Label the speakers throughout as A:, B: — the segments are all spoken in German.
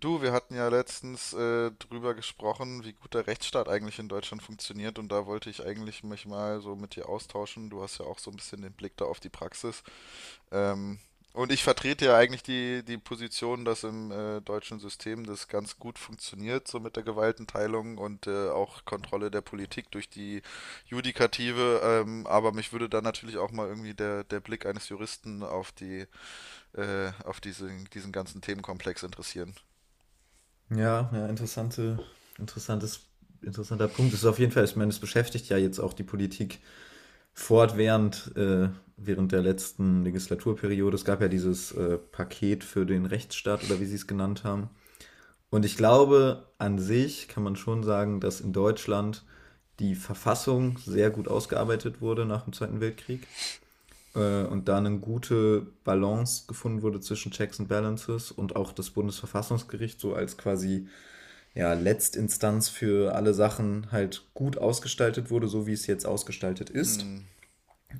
A: Du, wir hatten ja letztens drüber gesprochen, wie gut der Rechtsstaat eigentlich in Deutschland funktioniert, und da wollte ich eigentlich mich mal so mit dir austauschen. Du hast ja auch so ein bisschen den Blick da auf die Praxis. Ähm, und ich vertrete ja eigentlich die Position, dass im deutschen System das ganz gut funktioniert, so mit der Gewaltenteilung und auch Kontrolle der Politik durch die Judikative. Aber mich würde da natürlich auch mal irgendwie der Blick eines Juristen auf diesen ganzen Themenkomplex interessieren.
B: Ja, ja, interessantes, interessanter Punkt. Es ist auf jeden Fall, ich meine, es beschäftigt ja jetzt auch die Politik fortwährend während der letzten Legislaturperiode. Es gab ja dieses Paket für den Rechtsstaat oder wie sie es genannt haben. Und ich glaube, an sich kann man schon sagen, dass in Deutschland die Verfassung sehr gut ausgearbeitet wurde nach dem Zweiten Weltkrieg und da eine gute Balance gefunden wurde zwischen Checks and Balances, und auch das Bundesverfassungsgericht so als quasi, ja, Letztinstanz für alle Sachen halt gut ausgestaltet wurde, so wie es jetzt ausgestaltet ist.
A: Hm,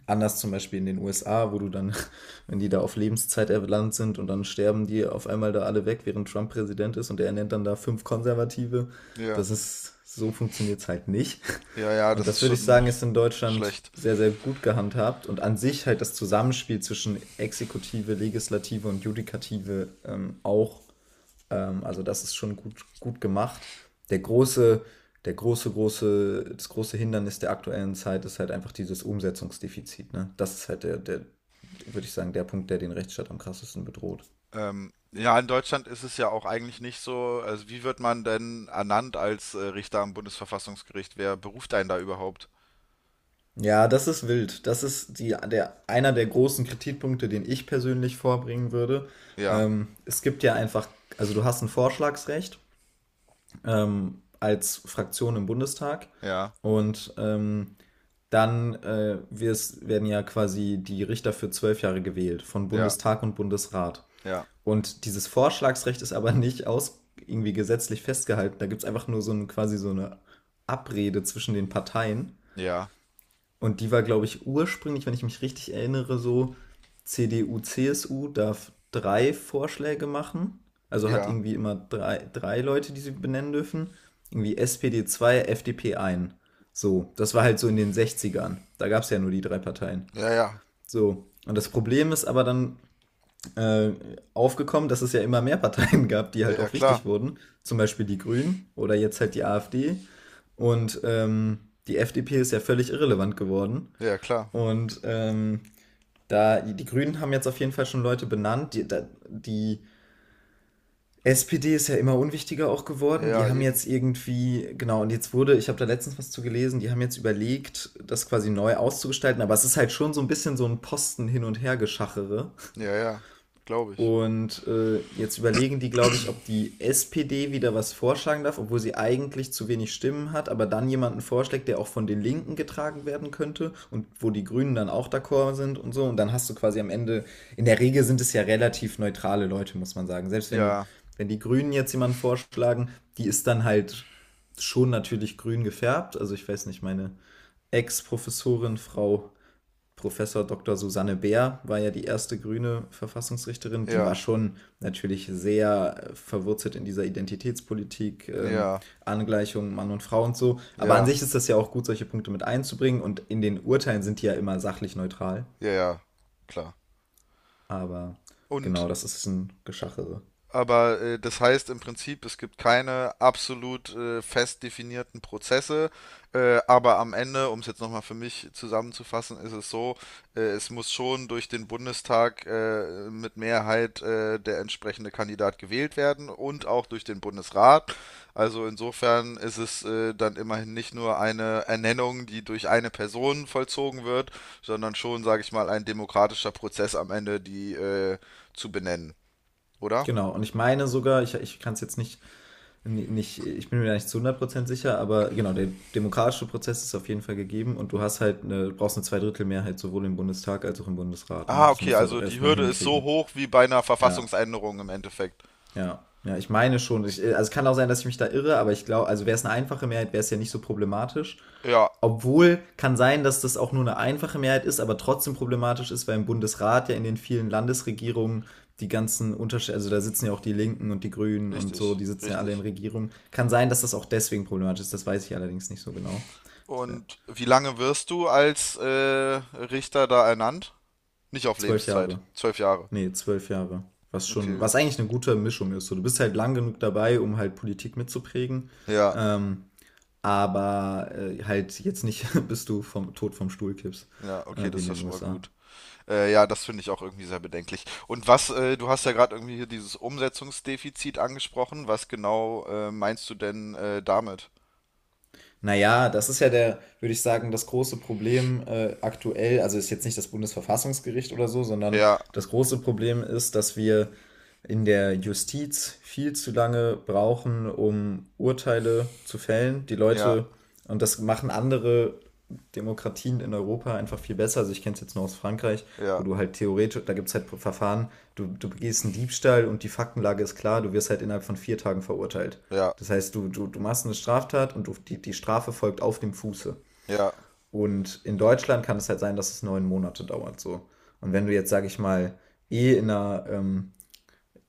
B: Anders zum Beispiel in den USA, wo du dann, wenn die da auf Lebenszeit erlangt sind und dann sterben die auf einmal da alle weg, während Trump Präsident ist und er nennt dann da fünf Konservative.
A: ja.
B: Das ist, so funktioniert es halt nicht.
A: Ja, ja,
B: Und
A: das
B: das
A: ist
B: würde ich
A: schon
B: sagen, ist in Deutschland
A: schlecht.
B: sehr, sehr gut gehandhabt, und an sich halt das Zusammenspiel zwischen Exekutive, Legislative und Judikative auch also das ist schon gut, gut gemacht. Der große, das große Hindernis der aktuellen Zeit ist halt einfach dieses Umsetzungsdefizit. Ne? Das ist halt würde ich sagen, der Punkt, der den Rechtsstaat am krassesten bedroht.
A: Ja, in Deutschland ist es ja auch eigentlich nicht so. Also, wie wird man denn ernannt als Richter am Bundesverfassungsgericht? Wer beruft einen da überhaupt?
B: Ja, das ist wild. Das ist einer der großen Kritikpunkte, den ich persönlich vorbringen würde.
A: Ja,
B: Es gibt ja einfach, also du hast ein Vorschlagsrecht als Fraktion im Bundestag,
A: ja,
B: und dann werden ja quasi die Richter für 12 Jahre gewählt von
A: ja,
B: Bundestag und Bundesrat.
A: ja,
B: Und dieses Vorschlagsrecht ist aber nicht aus irgendwie gesetzlich festgehalten. Da gibt es einfach nur so ein, quasi so eine Abrede zwischen den Parteien.
A: ja,
B: Und die war, glaube ich, ursprünglich, wenn ich mich richtig erinnere, so: CDU, CSU darf drei Vorschläge machen. Also hat
A: ja,
B: irgendwie immer drei Leute, die sie benennen dürfen. Irgendwie SPD 2, FDP 1. So, das war halt so in den 60ern. Da gab es ja nur die drei Parteien.
A: ja, ja,
B: So, und das Problem ist aber dann äh, aufgekommen, dass es ja immer mehr Parteien gab, die
A: ja,
B: halt
A: ja,
B: auch
A: klar,
B: wichtig wurden. Zum Beispiel die Grünen oder jetzt halt die AfD. Und die FDP ist ja völlig irrelevant geworden.
A: ja, ja, klar,
B: Und die Grünen haben jetzt auf jeden Fall schon Leute benannt. Die SPD ist ja immer unwichtiger auch
A: ja,
B: geworden. Die
A: ja,
B: haben
A: eben,
B: jetzt irgendwie, genau, und jetzt wurde, ich habe da letztens was zu gelesen, die haben jetzt überlegt, das quasi neu auszugestalten, aber es ist halt schon so ein bisschen so ein Posten hin und her geschachere.
A: ja, ja, glaube ich.
B: Und jetzt überlegen die, glaube ich, ob die SPD wieder was vorschlagen darf, obwohl sie eigentlich zu wenig Stimmen hat, aber dann jemanden vorschlägt, der auch von den Linken getragen werden könnte und wo die Grünen dann auch d'accord sind und so. Und dann hast du quasi am Ende, in der Regel sind es ja relativ neutrale Leute, muss man sagen. Selbst wenn die,
A: Ja,
B: wenn die Grünen jetzt jemanden vorschlagen, die ist dann halt schon natürlich grün gefärbt. Also ich weiß nicht, meine Ex-Professorin Frau Professor Dr. Susanne Bär war ja die erste grüne Verfassungsrichterin. Die
A: ja,
B: war schon natürlich sehr verwurzelt in dieser Identitätspolitik,
A: ja,
B: Angleichung Mann und Frau und so. Aber an
A: ja,
B: sich ist das ja auch gut, solche Punkte mit einzubringen. Und in den Urteilen sind die ja immer sachlich neutral.
A: ja, ja, klar.
B: Aber genau,
A: Und
B: das ist ein Geschachere.
A: Aber das heißt im Prinzip, es gibt keine absolut fest definierten Prozesse. Aber am Ende, um es jetzt nochmal für mich zusammenzufassen, ist es so, es muss schon durch den Bundestag mit Mehrheit der entsprechende Kandidat gewählt werden und auch durch den Bundesrat. Also insofern ist es dann immerhin nicht nur eine Ernennung, die durch eine Person vollzogen wird, sondern schon, sage ich mal, ein demokratischer Prozess am Ende, die zu benennen, oder?
B: Genau, und ich meine sogar, ich kann es jetzt nicht, ich bin mir nicht zu 100% sicher, aber genau, der demokratische Prozess ist auf jeden Fall gegeben, und du hast halt brauchst eine Zweidrittelmehrheit sowohl im Bundestag als auch im Bundesrat. Ne?
A: Ah,
B: Das
A: okay,
B: musst du halt auch
A: also die
B: erstmal
A: Hürde ist so
B: hinkriegen.
A: hoch wie bei einer
B: Ja,
A: Verfassungsänderung im Endeffekt.
B: ja, ja, ich meine schon. Ich, also es kann auch sein, dass ich mich da irre, aber ich glaube, also wäre es eine einfache Mehrheit, wäre es ja nicht so problematisch.
A: Ja,
B: Obwohl, kann sein, dass das auch nur eine einfache Mehrheit ist, aber trotzdem problematisch ist, weil im Bundesrat ja in den vielen Landesregierungen die ganzen Unterschiede, also da sitzen ja auch die Linken und die Grünen und so,
A: richtig,
B: die sitzen ja alle in
A: richtig.
B: Regierungen. Kann sein, dass das auch deswegen problematisch ist, das weiß ich allerdings nicht so genau. Das wär
A: Und wie lange wirst du als Richter da ernannt? Nicht auf
B: Zwölf
A: Lebenszeit.
B: Jahre.
A: 12 Jahre.
B: Nee, 12 Jahre. Was schon,
A: Okay.
B: was eigentlich eine gute Mischung ist. So, du bist halt lang genug dabei, um halt Politik mitzuprägen.
A: Ja,
B: Ähm, aber halt jetzt nicht, bis du vom, Tod vom Stuhl kippst,
A: ja, okay,
B: wie
A: das
B: in
A: ist ja
B: den
A: schon mal
B: USA.
A: gut. Ja, das finde ich auch irgendwie sehr bedenklich. Und du hast ja gerade irgendwie hier dieses Umsetzungsdefizit angesprochen. Was genau meinst du denn damit?
B: Naja, das ist ja der, würde ich sagen, das große Problem aktuell. Also ist jetzt nicht das Bundesverfassungsgericht oder so, sondern
A: Ja,
B: das große Problem ist, dass wir in der Justiz viel zu lange brauchen, um Urteile zu fällen. Die
A: ja,
B: Leute, und das machen andere Demokratien in Europa einfach viel besser. Also ich kenne es jetzt nur aus Frankreich,
A: ja,
B: wo du halt theoretisch, da gibt es halt Verfahren, du begehst einen Diebstahl und die Faktenlage ist klar, du wirst halt innerhalb von 4 Tagen verurteilt.
A: ja,
B: Das heißt, du machst eine Straftat und die Strafe folgt auf dem Fuße.
A: ja,
B: Und in Deutschland kann es halt sein, dass es 9 Monate dauert so. Und wenn du jetzt, sag ich mal, eh in einer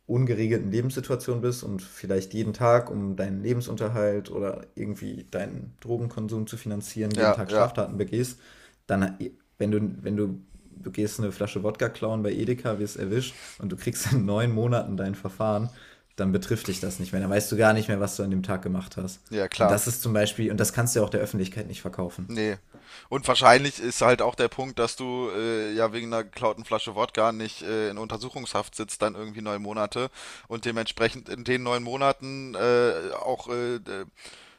B: ungeregelten Lebenssituation bist und vielleicht jeden Tag, um deinen Lebensunterhalt oder irgendwie deinen Drogenkonsum zu finanzieren, jeden
A: ja,
B: Tag
A: ja,
B: Straftaten begehst, dann, wenn du, wenn du, du gehst eine Flasche Wodka klauen bei Edeka, wirst erwischt und du kriegst in 9 Monaten dein Verfahren, dann betrifft dich das nicht mehr. Dann weißt du gar nicht mehr, was du an dem Tag gemacht hast.
A: ja,
B: Und
A: klar.
B: das ist zum Beispiel, und das kannst du ja auch der Öffentlichkeit nicht verkaufen.
A: Nee. Und wahrscheinlich ist halt auch der Punkt, dass du ja wegen einer geklauten Flasche Wodka nicht in Untersuchungshaft sitzt, dann irgendwie 9 Monate, und dementsprechend in den 9 Monaten auch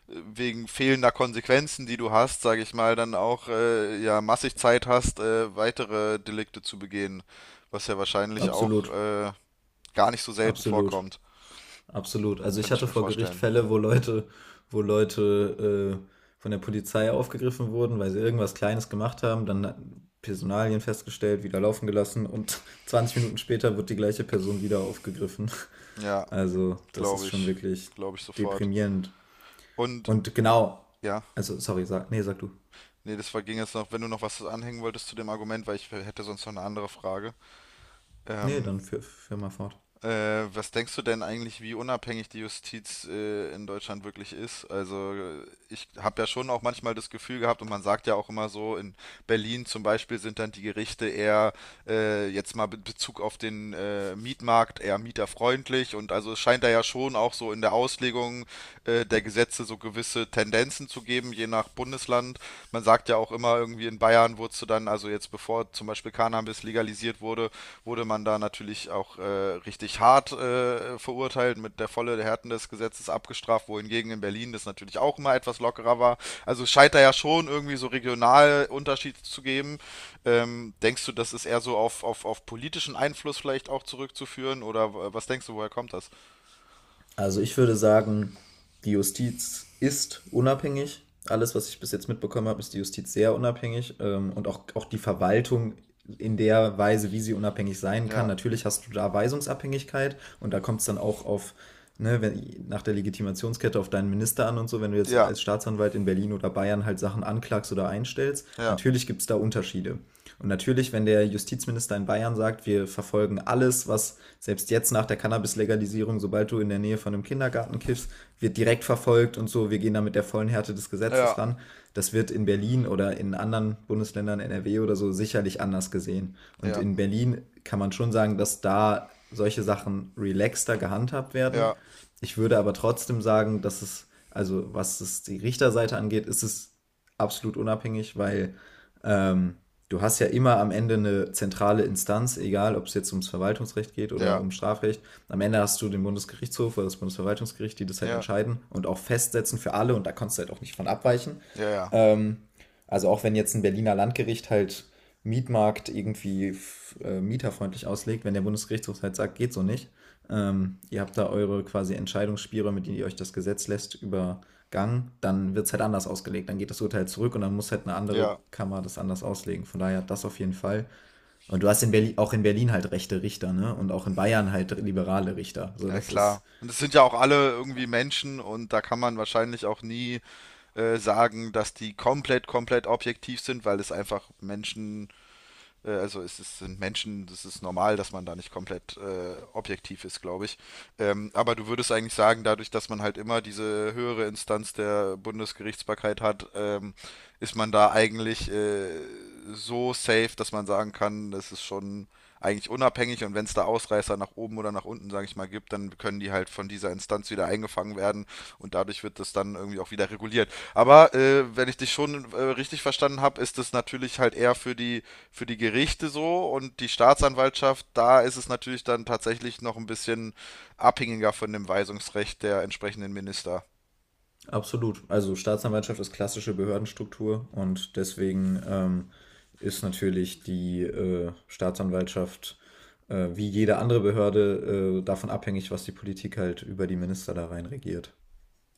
A: wegen fehlender Konsequenzen, die du hast, sage ich mal, dann auch ja massig Zeit hast, weitere Delikte zu begehen, was ja wahrscheinlich auch
B: Absolut,
A: gar nicht so selten
B: absolut.
A: vorkommt,
B: Absolut. Also ich
A: könnte ich
B: hatte
A: mir
B: vor Gericht
A: vorstellen.
B: Fälle, wo Leute, wo Leute äh, von der Polizei aufgegriffen wurden, weil sie irgendwas Kleines gemacht haben, dann Personalien festgestellt, wieder laufen gelassen und 20 Minuten später wird die gleiche Person wieder aufgegriffen.
A: Ja,
B: Also das ist
A: glaube
B: schon
A: ich,
B: wirklich
A: glaube ich sofort.
B: deprimierend.
A: Und
B: Und genau,
A: ja.
B: also sorry, sag, nee, sag du.
A: Nee, ging jetzt noch, wenn du noch was anhängen wolltest zu dem Argument, weil ich hätte sonst noch eine andere Frage.
B: Nee,
A: Ähm,
B: dann führ mal fort.
A: Was denkst du denn eigentlich, wie unabhängig die Justiz in Deutschland wirklich ist? Also ich habe ja schon auch manchmal das Gefühl gehabt, und man sagt ja auch immer so, in Berlin zum Beispiel sind dann die Gerichte eher, jetzt mal in Bezug auf den Mietmarkt, eher mieterfreundlich, und also es scheint da ja schon auch so in der Auslegung der Gesetze so gewisse Tendenzen zu geben, je nach Bundesland. Man sagt ja auch immer irgendwie, in Bayern wurdest du dann, also jetzt bevor zum Beispiel Cannabis legalisiert wurde, wurde man da natürlich auch richtig hart verurteilt, mit der volle Härten des Gesetzes abgestraft, wohingegen in Berlin das natürlich auch immer etwas lockerer war. Also es scheint da ja schon irgendwie so regional Unterschiede zu geben. Denkst du, das ist eher so auf politischen Einfluss vielleicht auch zurückzuführen? Oder was denkst du, woher kommt das?
B: Also ich würde sagen, die Justiz ist unabhängig. Alles, was ich bis jetzt mitbekommen habe, ist die Justiz sehr unabhängig, und auch, auch die Verwaltung in der Weise, wie sie unabhängig sein kann.
A: Ja,
B: Natürlich hast du da Weisungsabhängigkeit und da kommt es dann auch ne, wenn, nach der Legitimationskette auf deinen Minister an und so, wenn du jetzt
A: ja,
B: als Staatsanwalt in Berlin oder Bayern halt Sachen anklagst oder einstellst.
A: ja,
B: Natürlich gibt es da Unterschiede. Und natürlich, wenn der Justizminister in Bayern sagt, wir verfolgen alles, was, selbst jetzt nach der Cannabis-Legalisierung, sobald du in der Nähe von einem Kindergarten kiffst, wird direkt verfolgt und so. Wir gehen da mit der vollen Härte des
A: ja,
B: Gesetzes ran. Das wird in Berlin oder in anderen Bundesländern, NRW oder so, sicherlich anders gesehen. Und
A: ja,
B: in Berlin kann man schon sagen, dass da solche Sachen relaxter gehandhabt
A: ja,
B: werden. Ich würde aber trotzdem sagen, dass es, also was es die Richterseite angeht, ist es absolut unabhängig, weil ähm, du hast ja immer am Ende eine zentrale Instanz, egal ob es jetzt ums Verwaltungsrecht geht oder
A: ja,
B: um Strafrecht. Am Ende hast du den Bundesgerichtshof oder das Bundesverwaltungsgericht, die das
A: ja,
B: halt
A: ja,
B: entscheiden und auch festsetzen für alle und da kannst du halt auch nicht von abweichen.
A: ja,
B: Ähm, also auch wenn jetzt ein Berliner Landgericht halt Mietmarkt irgendwie mieterfreundlich auslegt, wenn der Bundesgerichtshof halt sagt, geht so nicht. Ihr habt da eure quasi Entscheidungsspielräume, mit denen ihr euch das Gesetz lässt, übergangen, dann wird es halt anders ausgelegt. Dann geht das Urteil zurück und dann muss halt eine andere
A: ja,
B: Kammer das anders auslegen. Von daher, das auf jeden Fall. Und du hast in Berlin, auch in Berlin halt rechte Richter, ne? Und auch in Bayern halt liberale Richter. So,
A: ja,
B: das ist
A: klar. Und es sind ja auch alle irgendwie Menschen, und da kann man wahrscheinlich auch nie sagen, dass die komplett objektiv sind, weil es einfach Menschen. Also sind Menschen, das ist normal, dass man da nicht komplett objektiv ist, glaube ich. Aber du würdest eigentlich sagen, dadurch, dass man halt immer diese höhere Instanz der Bundesgerichtsbarkeit hat, ist man da eigentlich so safe, dass man sagen kann, das ist schon eigentlich unabhängig abhängig, und wenn es da Ausreißer nach oben oder nach unten, sage ich mal, gibt, dann können die halt von dieser Instanz wieder eingefangen werden, und dadurch wird das dann irgendwie auch wieder reguliert. Aber wenn ich dich schon richtig verstanden habe, ist das natürlich halt eher für die Gerichte so, und die Staatsanwaltschaft, da ist es natürlich dann tatsächlich noch ein bisschen abhängiger von dem Weisungsrecht der entsprechenden Minister.
B: Absolut. Also Staatsanwaltschaft ist klassische Behördenstruktur und deswegen ist natürlich die Staatsanwaltschaft wie jede andere Behörde davon abhängig, was die Politik halt über die Minister da rein regiert.